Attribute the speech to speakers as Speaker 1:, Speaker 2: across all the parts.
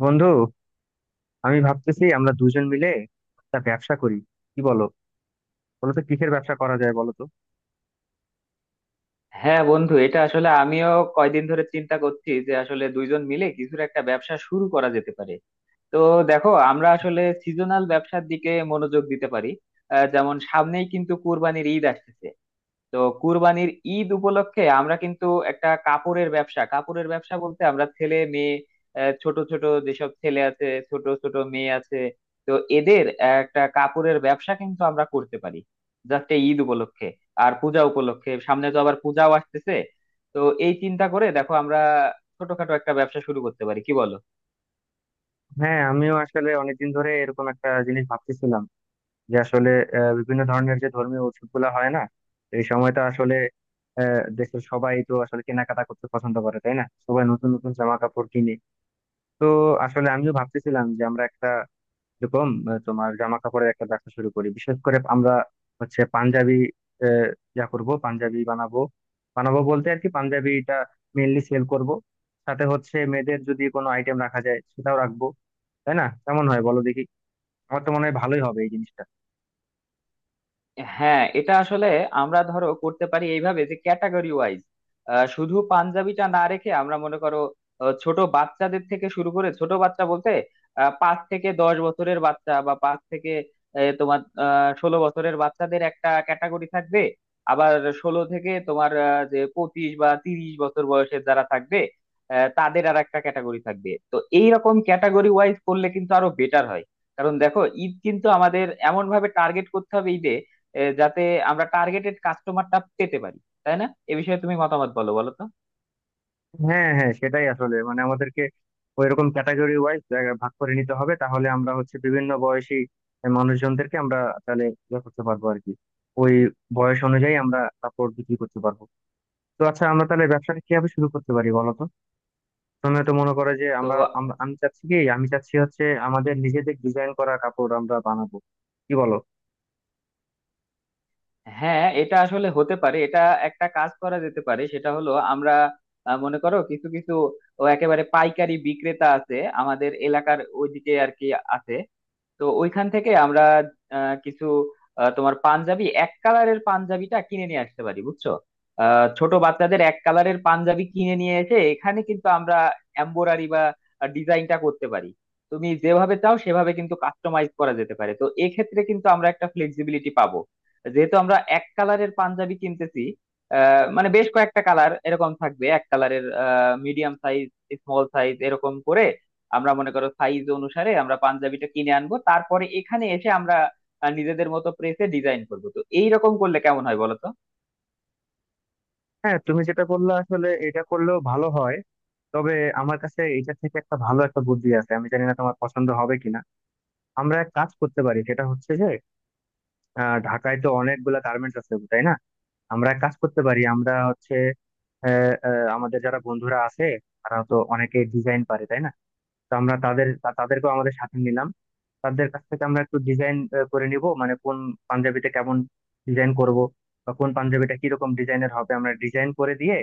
Speaker 1: বন্ধু, আমি ভাবতেছি আমরা দুজন মিলে একটা ব্যবসা করি। কি বলো? বলো তো কিসের ব্যবসা করা যায়, বলো তো।
Speaker 2: হ্যাঁ বন্ধু, এটা আসলে আমিও কয়দিন ধরে চিন্তা করছি যে আসলে দুইজন মিলে কিছুর একটা ব্যবসা শুরু করা যেতে পারে। তো দেখো, আমরা আসলে সিজনাল ব্যবসার দিকে মনোযোগ দিতে পারি। যেমন সামনেই কিন্তু কুরবানির ঈদ আসতেছে। তো কুরবানির ঈদ উপলক্ষে আমরা কিন্তু একটা কাপড়ের ব্যবসা, কাপড়ের ব্যবসা বলতে আমরা ছেলে মেয়ে, ছোট ছোট যেসব ছেলে আছে, ছোট ছোট মেয়ে আছে, তো এদের একটা কাপড়ের ব্যবসা কিন্তু আমরা করতে পারি জাস্ট এই ঈদ উপলক্ষে আর পূজা উপলক্ষে। সামনে তো আবার পূজাও আসতেছে। তো এই চিন্তা করে দেখো, আমরা ছোটখাটো একটা ব্যবসা শুরু করতে পারি। কি বলো?
Speaker 1: হ্যাঁ, আমিও আসলে অনেকদিন ধরে এরকম একটা জিনিস ভাবতেছিলাম যে আসলে বিভিন্ন ধরনের যে ধর্মীয় উৎসব গুলা হয় না, এই সময়টা আসলে দেশের সবাই তো আসলে কেনাকাটা করতে পছন্দ করে, তাই না? সবাই নতুন নতুন জামা কাপড় কিনে। তো আসলে আমিও ভাবতেছিলাম যে আমরা একটা এরকম তোমার জামা কাপড়ের একটা ব্যবসা শুরু করি, বিশেষ করে আমরা হচ্ছে পাঞ্জাবি, আহ, যা করব পাঞ্জাবি বানাবো। বানাবো বলতে আর কি, পাঞ্জাবিটা মেইনলি সেল করব, সাথে হচ্ছে মেয়েদের যদি কোনো আইটেম রাখা যায় সেটাও রাখবো। তাই না? কেমন হয় বলো দেখি। আমার তো মনে হয় ভালোই হবে এই জিনিসটা।
Speaker 2: হ্যাঁ, এটা আসলে আমরা ধরো করতে পারি এইভাবে, যে ক্যাটাগরি ওয়াইজ শুধু পাঞ্জাবিটা না রেখে আমরা মনে করো ছোট বাচ্চাদের থেকে শুরু করে, ছোট বাচ্চা বলতে 5 থেকে 10 বছরের বাচ্চা বা পাঁচ থেকে আহ, তোমার 16 বছরের বাচ্চাদের একটা ক্যাটাগরি থাকবে। আবার ষোলো থেকে তোমার যে 25 বা 30 বছর বয়সের যারা থাকবে, তাদের আর একটা ক্যাটাগরি থাকবে। তো এইরকম ক্যাটাগরি ওয়াইজ করলে কিন্তু আরো বেটার হয়। কারণ দেখো, ঈদ কিন্তু আমাদের এমন ভাবে টার্গেট করতে হবে ঈদে যাতে আমরা টার্গেটেড কাস্টমারটা পেতে পারি। তাই না? এ বিষয়ে তুমি মতামত বলো বলো তো।
Speaker 1: হ্যাঁ হ্যাঁ, সেটাই আসলে, মানে আমাদেরকে ওইরকম ক্যাটাগরি ওয়াইজ ভাগ করে নিতে হবে, তাহলে আমরা হচ্ছে বিভিন্ন বয়সী মানুষজনদেরকে আমরা তাহলে ইয়ে করতে পারবো আর কি। ওই বয়স অনুযায়ী আমরা কাপড় বিক্রি করতে পারবো। তো আচ্ছা, আমরা তাহলে ব্যবসাটা কিভাবে শুরু করতে পারি বলো তো? তুমি তো মনে করো যে
Speaker 2: তো
Speaker 1: আমরা আমরা- আমি চাচ্ছি কি, আমি চাচ্ছি হচ্ছে আমাদের নিজেদের ডিজাইন করা কাপড় আমরা বানাবো। কি বলো?
Speaker 2: হ্যাঁ, এটা আসলে হতে পারে। এটা একটা কাজ করা যেতে পারে, সেটা হলো আমরা মনে করো কিছু কিছু ও একেবারে পাইকারি বিক্রেতা আছে আমাদের এলাকার ওইদিকে আর কি, আছে। তো ওইখান থেকে আমরা কিছু আহ, তোমার পাঞ্জাবি, এক কালারের পাঞ্জাবিটা কিনে নিয়ে আসতে পারি। বুঝছো? ছোট বাচ্চাদের এক কালারের পাঞ্জাবি কিনে নিয়ে এসে এখানে কিন্তু আমরা এমব্রয়ডারি বা ডিজাইনটা করতে পারি। তুমি যেভাবে চাও সেভাবে কিন্তু কাস্টমাইজ করা যেতে পারে। তো এক্ষেত্রে কিন্তু আমরা একটা ফ্লেক্সিবিলিটি পাবো যেহেতু আমরা এক কালারের পাঞ্জাবি কিনতেছি। মানে বেশ কয়েকটা কালার এরকম থাকবে এক কালারের, মিডিয়াম সাইজ, স্মল সাইজ এরকম করে। আমরা মনে করো সাইজ অনুসারে আমরা পাঞ্জাবিটা কিনে আনবো, তারপরে এখানে এসে আমরা নিজেদের মতো প্রেসে ডিজাইন করবো। তো এইরকম করলে কেমন হয় বলো তো?
Speaker 1: হ্যাঁ, তুমি যেটা বললে আসলে এটা করলেও ভালো হয়, তবে আমার কাছে এটা থেকে একটা ভালো একটা বুদ্ধি আছে, আমি জানি না তোমার পছন্দ হবে কিনা। আমরা এক কাজ করতে পারি, সেটা হচ্ছে যে ঢাকায় তো অনেকগুলা গার্মেন্টস আছে তাই না? আমরা এক কাজ করতে পারি, আমরা হচ্ছে আহ, আহ, আমাদের যারা বন্ধুরা আছে তারা তো অনেকে ডিজাইন পারে তাই না? তো আমরা তাদেরকেও আমাদের সাথে নিলাম। তাদের কাছ থেকে আমরা একটু ডিজাইন করে নিব, মানে কোন পাঞ্জাবিতে কেমন ডিজাইন করব বা কোন পাঞ্জাবিটা কিরকম ডিজাইনের হবে আমরা ডিজাইন করে দিয়ে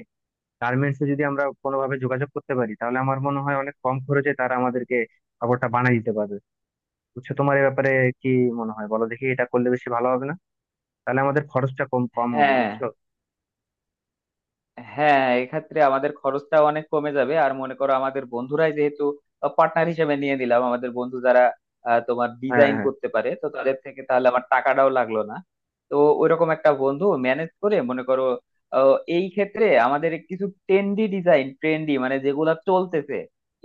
Speaker 1: গার্মেন্টসে যদি আমরা কোনোভাবে যোগাযোগ করতে পারি, তাহলে আমার মনে হয় অনেক কম খরচে তারা আমাদেরকে কাপড়টা বানিয়ে দিতে পারবে। বুঝছো? তোমার এ ব্যাপারে কি মনে হয় বলো দেখি। এটা করলে বেশি ভালো হবে না? তাহলে আমাদের খরচটা কম কম হবে
Speaker 2: হ্যাঁ,
Speaker 1: বুঝছো।
Speaker 2: হ্যাঁ এক্ষেত্রে আমাদের খরচটা অনেক কমে যাবে। আর মনে করো আমাদের বন্ধুরাই যেহেতু পার্টনার হিসেবে নিয়ে নিলাম, আমাদের বন্ধু যারা আহ, তোমার
Speaker 1: হ্যাঁ
Speaker 2: ডিজাইন
Speaker 1: হ্যাঁ,
Speaker 2: করতে পারে, তো তাদের থেকে তাহলে আমার টাকাটাও লাগলো না। তো ওইরকম একটা বন্ধু ম্যানেজ করে, মনে করো এই ক্ষেত্রে আমাদের কিছু ট্রেন্ডি ডিজাইন, ট্রেন্ডি মানে যেগুলা চলতেছে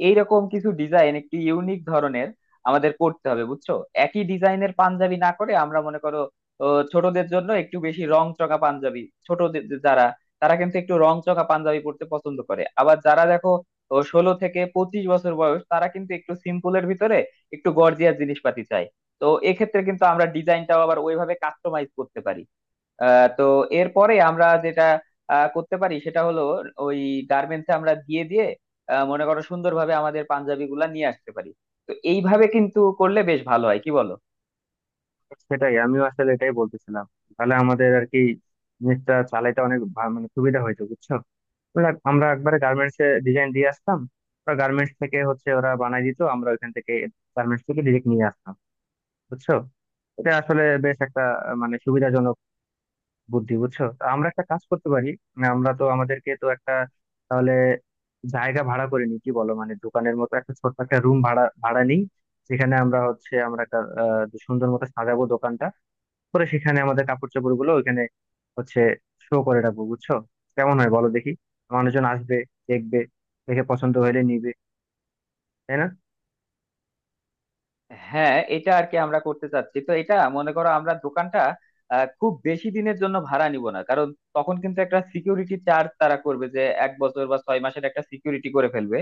Speaker 2: এইরকম কিছু ডিজাইন, একটু ইউনিক ধরনের আমাদের করতে হবে। বুঝছো? একই ডিজাইনের পাঞ্জাবি না করে আমরা মনে করো ছোটদের জন্য একটু বেশি রং চঙা পাঞ্জাবি, ছোটদের যারা, তারা কিন্তু একটু রংচঙা পাঞ্জাবি পরতে পছন্দ করে। আবার যারা দেখো ও 16 থেকে 25 বছর বয়স, তারা কিন্তু একটু সিম্পলের ভিতরে একটু গর্জিয়াস জিনিসপাতি চায়। তো এক্ষেত্রে কিন্তু আমরা ডিজাইনটাও আবার ওইভাবে কাস্টমাইজ করতে পারি। তো এরপরে আমরা যেটা করতে পারি সেটা হলো ওই গার্মেন্টসে আমরা দিয়ে দিয়ে মনে করো সুন্দরভাবে আমাদের পাঞ্জাবি গুলা নিয়ে আসতে পারি। তো এইভাবে কিন্তু করলে বেশ ভালো হয়। কি বলো?
Speaker 1: সেটাই আমিও আসলে এটাই বলতেছিলাম। তাহলে আমাদের আর কি জিনিসটা চালাইতে অনেক মানে সুবিধা হয়েছে বুঝছো। বলে আমরা একবারে গার্মেন্টস এ ডিজাইন দিয়ে আসতাম, ওরা গার্মেন্টস থেকে হচ্ছে ওরা বানাই দিত, আমরা ওইখান থেকে গার্মেন্টস থেকে ডিরেক্ট নিয়ে আসতাম বুঝছো। এটা আসলে বেশ একটা মানে সুবিধাজনক বুদ্ধি বুঝছো। তো আমরা একটা কাজ করতে পারি, মানে আমরা তো আমাদেরকে তো একটা, তাহলে জায়গা ভাড়া করে নিই কি বলো, মানে দোকানের মতো একটা ছোট্ট একটা রুম ভাড়া ভাড়া নিই, যেখানে আমরা হচ্ছে আমরা একটা সুন্দর মতো সাজাবো দোকানটা। পরে সেখানে আমাদের কাপড় চোপড় গুলো ওইখানে হচ্ছে শো করে রাখবো বুঝছো। কেমন হয় বলো দেখি। মানুষজন আসবে, দেখবে, দেখে পছন্দ হলে নিবে, তাই না?
Speaker 2: হ্যাঁ, এটা আর কি আমরা করতে চাচ্ছি। তো এটা মনে করো, আমরা দোকানটা খুব বেশি দিনের জন্য ভাড়া নিব না, কারণ তখন কিন্তু একটা সিকিউরিটি চার্জ তারা করবে, যে 1 বছর বা 6 মাসের একটা সিকিউরিটি করে ফেলবে।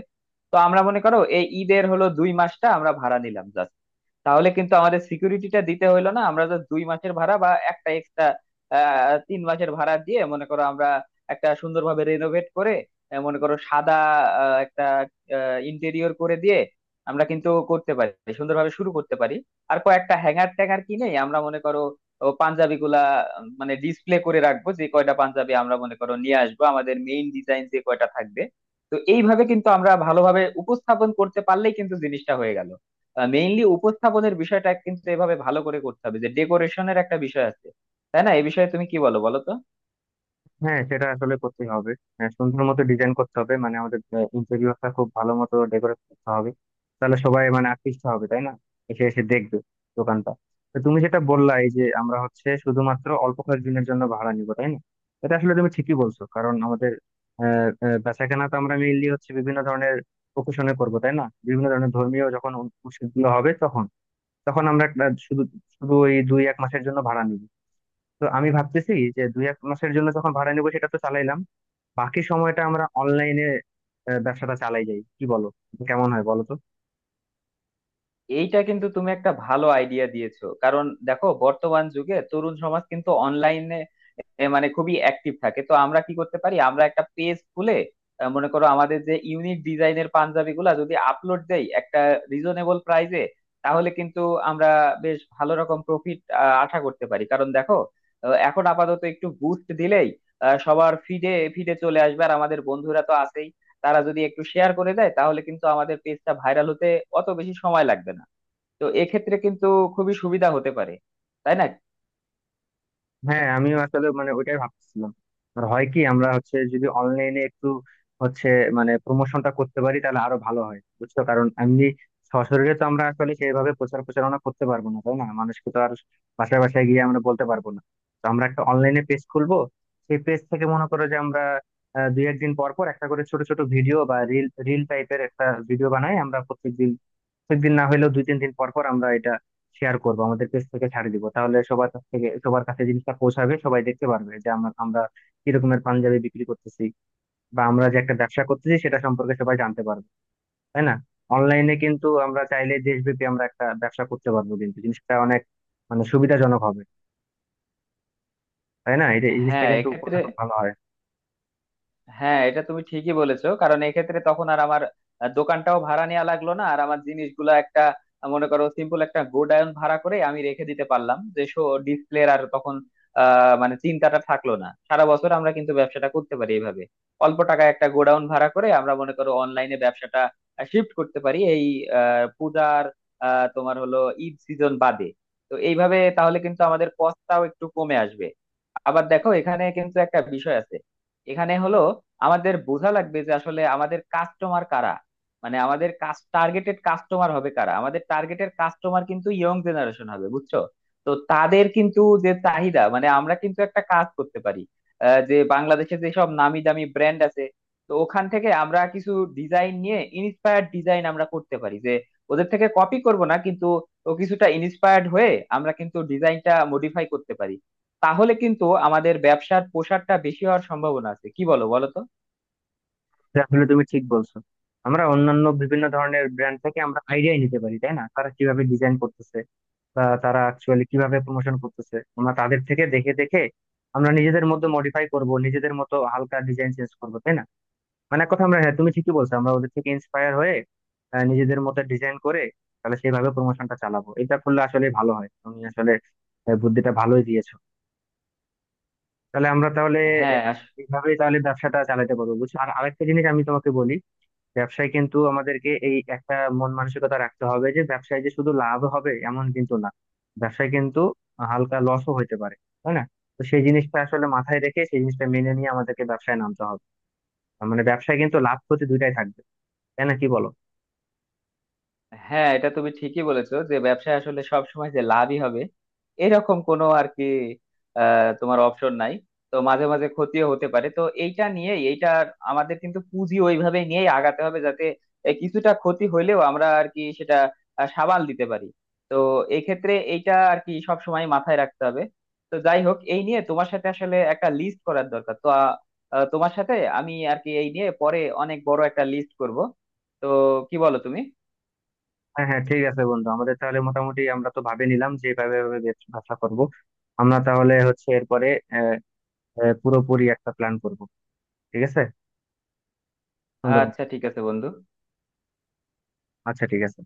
Speaker 2: তো আমরা মনে করো এই ঈদের হলো 2 মাসটা আমরা ভাড়া নিলাম জাস্ট, তাহলে কিন্তু আমাদের সিকিউরিটিটা দিতে হইলো না। আমরা জাস্ট 2 মাসের ভাড়া বা একটা এক্সট্রা 3 মাসের ভাড়া দিয়ে, মনে করো আমরা একটা সুন্দরভাবে রেনোভেট করে মনে করো সাদা একটা ইন্টেরিয়র করে দিয়ে আমরা কিন্তু করতে পারি, সুন্দরভাবে শুরু করতে পারি। আর কয়েকটা হ্যাঙ্গার ট্যাঙ্গার কিনে আমরা মনে করো ও পাঞ্জাবি গুলা মানে ডিসপ্লে করে রাখবো, যে কয়টা পাঞ্জাবি আমরা মনে করো নিয়ে আসবো, আমাদের মেইন ডিজাইন যে কয়টা থাকবে। তো এইভাবে কিন্তু আমরা ভালোভাবে উপস্থাপন করতে পারলেই কিন্তু জিনিসটা হয়ে গেল। মেইনলি উপস্থাপনের বিষয়টা কিন্তু এভাবে ভালো করে করতে হবে, যে ডেকোরেশনের একটা বিষয় আছে। তাই না? এই বিষয়ে তুমি কি বলো বলো তো।
Speaker 1: হ্যাঁ, সেটা আসলে করতেই হবে। হ্যাঁ, সুন্দর মতো ডিজাইন করতে হবে, মানে আমাদের ইন্টেরিয়রটা খুব ভালো মতো ডেকোরেট করতে হবে, তাহলে সবাই মানে আকৃষ্ট হবে তাই না? এসে এসে দেখবে দোকানটা। তো তুমি যেটা বললা, এই যে আমরা হচ্ছে শুধুমাত্র অল্প কয়েকদিনের জন্য ভাড়া নিব তাই না, এটা আসলে তুমি ঠিকই বলছো, কারণ আমাদের আহ আহ, বেচাকেনা তো আমরা মেইনলি হচ্ছে বিভিন্ন ধরনের প্রকাশনে করবো তাই না, বিভিন্ন ধরনের ধর্মীয় যখন উৎসবগুলো হবে তখন, তখন আমরা শুধু শুধু ওই দুই এক মাসের জন্য ভাড়া নিব। তো আমি ভাবতেছি যে দুই এক মাসের জন্য যখন ভাড়া নেবো সেটা তো চালাইলাম, বাকি সময়টা আমরা অনলাইনে ব্যবসাটা চালাই যাই কি বলো? কেমন হয় বলো তো?
Speaker 2: এইটা কিন্তু তুমি একটা ভালো আইডিয়া দিয়েছো, কারণ দেখো বর্তমান যুগে তরুণ সমাজ কিন্তু অনলাইনে মানে খুবই অ্যাক্টিভ থাকে। তো আমরা কি করতে পারি, আমরা একটা পেজ খুলে মনে করো আমাদের যে ইউনিক ডিজাইনের পাঞ্জাবি গুলা যদি আপলোড দেই একটা রিজনেবল প্রাইসে, তাহলে কিন্তু আমরা বেশ ভালো রকম প্রফিট আশা করতে পারি। কারণ দেখো এখন আপাতত একটু বুস্ট দিলেই সবার ফিডে ফিডে চলে আসবে। আর আমাদের বন্ধুরা তো আছেই, তারা যদি একটু শেয়ার করে দেয় তাহলে কিন্তু আমাদের পেজটা ভাইরাল হতে অত বেশি সময় লাগবে না। তো এক্ষেত্রে কিন্তু খুবই সুবিধা হতে পারে। তাই না?
Speaker 1: হ্যাঁ, আমিও আসলে মানে ওইটাই ভাবতেছিলাম। আর হয় কি, আমরা হচ্ছে যদি অনলাইনে একটু হচ্ছে মানে প্রমোশনটা করতে পারি তাহলে আরো ভালো হয় বুঝছো, কারণ এমনি সশরীরে তো আমরা আসলে সেইভাবে প্রচার প্রচারণা করতে পারবো না তাই না, মানুষকে তো আর বাসায় বাসায় গিয়ে আমরা বলতে পারবো না। তো আমরা একটা অনলাইনে পেজ খুলবো, সেই পেজ থেকে মনে করো যে আমরা দুই একদিন পর পর একটা করে ছোট ছোট ভিডিও বা রিল রিল টাইপের একটা ভিডিও বানাই আমরা প্রত্যেকদিন, প্রত্যেকদিন না হলেও দুই তিন দিন পর পর আমরা এটা শেয়ার করবো, আমাদের পেজ থেকে ছাড়ে দিব, তাহলে সবার কাছ থেকে সবার কাছে জিনিসটা পৌঁছাবে, সবাই দেখতে পারবে যে আমরা আমরা কি রকমের পাঞ্জাবি বিক্রি করতেছি বা আমরা যে একটা ব্যবসা করতেছি সেটা সম্পর্কে সবাই জানতে পারবে, তাই না? অনলাইনে কিন্তু আমরা চাইলে দেশব্যাপী আমরা একটা ব্যবসা করতে পারবো, কিন্তু জিনিসটা অনেক মানে সুবিধাজনক হবে। তাই না, এটা এই জিনিসটা
Speaker 2: হ্যাঁ
Speaker 1: কিন্তু করলে
Speaker 2: এক্ষেত্রে,
Speaker 1: খুব ভালো হয়।
Speaker 2: হ্যাঁ এটা তুমি ঠিকই বলেছো, কারণ এক্ষেত্রে তখন আর আমার দোকানটাও ভাড়া নেওয়া লাগলো না। আর আমার জিনিসগুলো একটা মনে করো সিম্পল একটা গোডাউন ভাড়া করে আমি রেখে দিতে পারলাম, যে শো ডিসপ্লে। আর তখন মানে চিন্তাটা থাকলো না। সারা বছর আমরা কিন্তু ব্যবসাটা করতে পারি এইভাবে, অল্প টাকায় একটা গোডাউন ভাড়া করে আমরা মনে করো অনলাইনে ব্যবসাটা শিফট করতে পারি এই পূজার আহ তোমার হলো ঈদ সিজন বাদে। তো এইভাবে তাহলে কিন্তু আমাদের কষ্টটাও একটু কমে আসবে। আবার দেখো এখানে কিন্তু একটা বিষয় আছে, এখানে হলো আমাদের বোঝা লাগবে যে আসলে আমাদের কাস্টমার কারা, মানে আমাদের কাজ টার্গেটেড কাস্টমার হবে কারা। আমাদের টার্গেটেড কাস্টমার কিন্তু ইয়ং জেনারেশন হবে। বুঝছো? তো তাদের কিন্তু যে চাহিদা, মানে আমরা কিন্তু একটা কাজ করতে পারি, যে বাংলাদেশে যেসব নামি দামি ব্র্যান্ড আছে, তো ওখান থেকে আমরা কিছু ডিজাইন নিয়ে ইন্সপায়ার্ড ডিজাইন আমরা করতে পারি, যে ওদের থেকে কপি করব না কিন্তু, ও কিছুটা ইন্সপায়ার্ড হয়ে আমরা কিন্তু ডিজাইনটা মডিফাই করতে পারি। তাহলে কিন্তু আমাদের ব্যবসার প্রসারটা বেশি হওয়ার সম্ভাবনা আছে। কি বলো বলো তো?
Speaker 1: আসলে তুমি ঠিক বলছো, আমরা অন্যান্য বিভিন্ন ধরনের ব্র্যান্ড থেকে আমরা আইডিয়াই নিতে পারি তাই না, তারা কিভাবে ডিজাইন করতেছে বা তারা অ্যাকচুয়ালি কিভাবে প্রমোশন করতেছে আমরা তাদের থেকে দেখে দেখে আমরা নিজেদের মধ্যে মডিফাই করব, নিজেদের মতো হালকা ডিজাইন চেঞ্জ করবো তাই না, মানে এক কথা আমরা, হ্যাঁ তুমি ঠিকই বলছো আমরা ওদের থেকে ইন্সপায়ার হয়ে নিজেদের মতো ডিজাইন করে তাহলে সেইভাবে প্রমোশনটা চালাবো। এটা করলে আসলে ভালো হয়, তুমি আসলে বুদ্ধিটা ভালোই দিয়েছো। তাহলে আমরা তাহলে
Speaker 2: হ্যাঁ,
Speaker 1: আহ, এইভাবেই তাহলে ব্যবসাটা চালাতে পারবো বুঝছো। আর আরেকটা জিনিস আমি তোমাকে বলি, ব্যবসায় কিন্তু আমাদেরকে এই একটা মন মানসিকতা রাখতে হবে যে ব্যবসায় যে শুধু লাভ হবে এমন কিন্তু না, ব্যবসায় কিন্তু হালকা লসও হইতে পারে তাই না। তো সেই জিনিসটা আসলে মাথায় রেখে, সেই জিনিসটা মেনে নিয়ে আমাদেরকে ব্যবসায় নামতে হবে। তার মানে ব্যবসায় কিন্তু লাভ ক্ষতি দুইটাই থাকবে, তাই না? কি বলো?
Speaker 2: হ্যাঁ এটা তুমি ঠিকই বলেছো যে ব্যবসায় আসলে সব সময় যে লাভই হবে এরকম কোনো আর কি আহ, তোমার অপশন নাই। তো মাঝে মাঝে ক্ষতিও হতে পারে। তো এইটা নিয়ে, এইটা আমাদের কিন্তু পুঁজি ওইভাবে নিয়েই আগাতে হবে যাতে কিছুটা ক্ষতি হইলেও আমরা আর কি সেটা সামাল দিতে পারি। তো এই ক্ষেত্রে এইটা আর কি সব সময় মাথায় রাখতে হবে। তো যাই হোক, এই নিয়ে তোমার সাথে আসলে একটা লিস্ট করার দরকার। তো আহ, আহ, তোমার সাথে আমি আর কি এই নিয়ে পরে অনেক বড় একটা লিস্ট করব। তো কি বলো তুমি?
Speaker 1: হ্যাঁ হ্যাঁ, ঠিক আছে বন্ধু, আমাদের তাহলে মোটামুটি আমরা তো ভাবে নিলাম যে এভাবে এভাবে ব্যবসা করব। আমরা তাহলে হচ্ছে এরপরে আহ আহ, পুরোপুরি একটা প্ল্যান করব। ঠিক আছে। সুন্দর।
Speaker 2: আচ্ছা ঠিক আছে বন্ধু।
Speaker 1: আচ্ছা ঠিক আছে।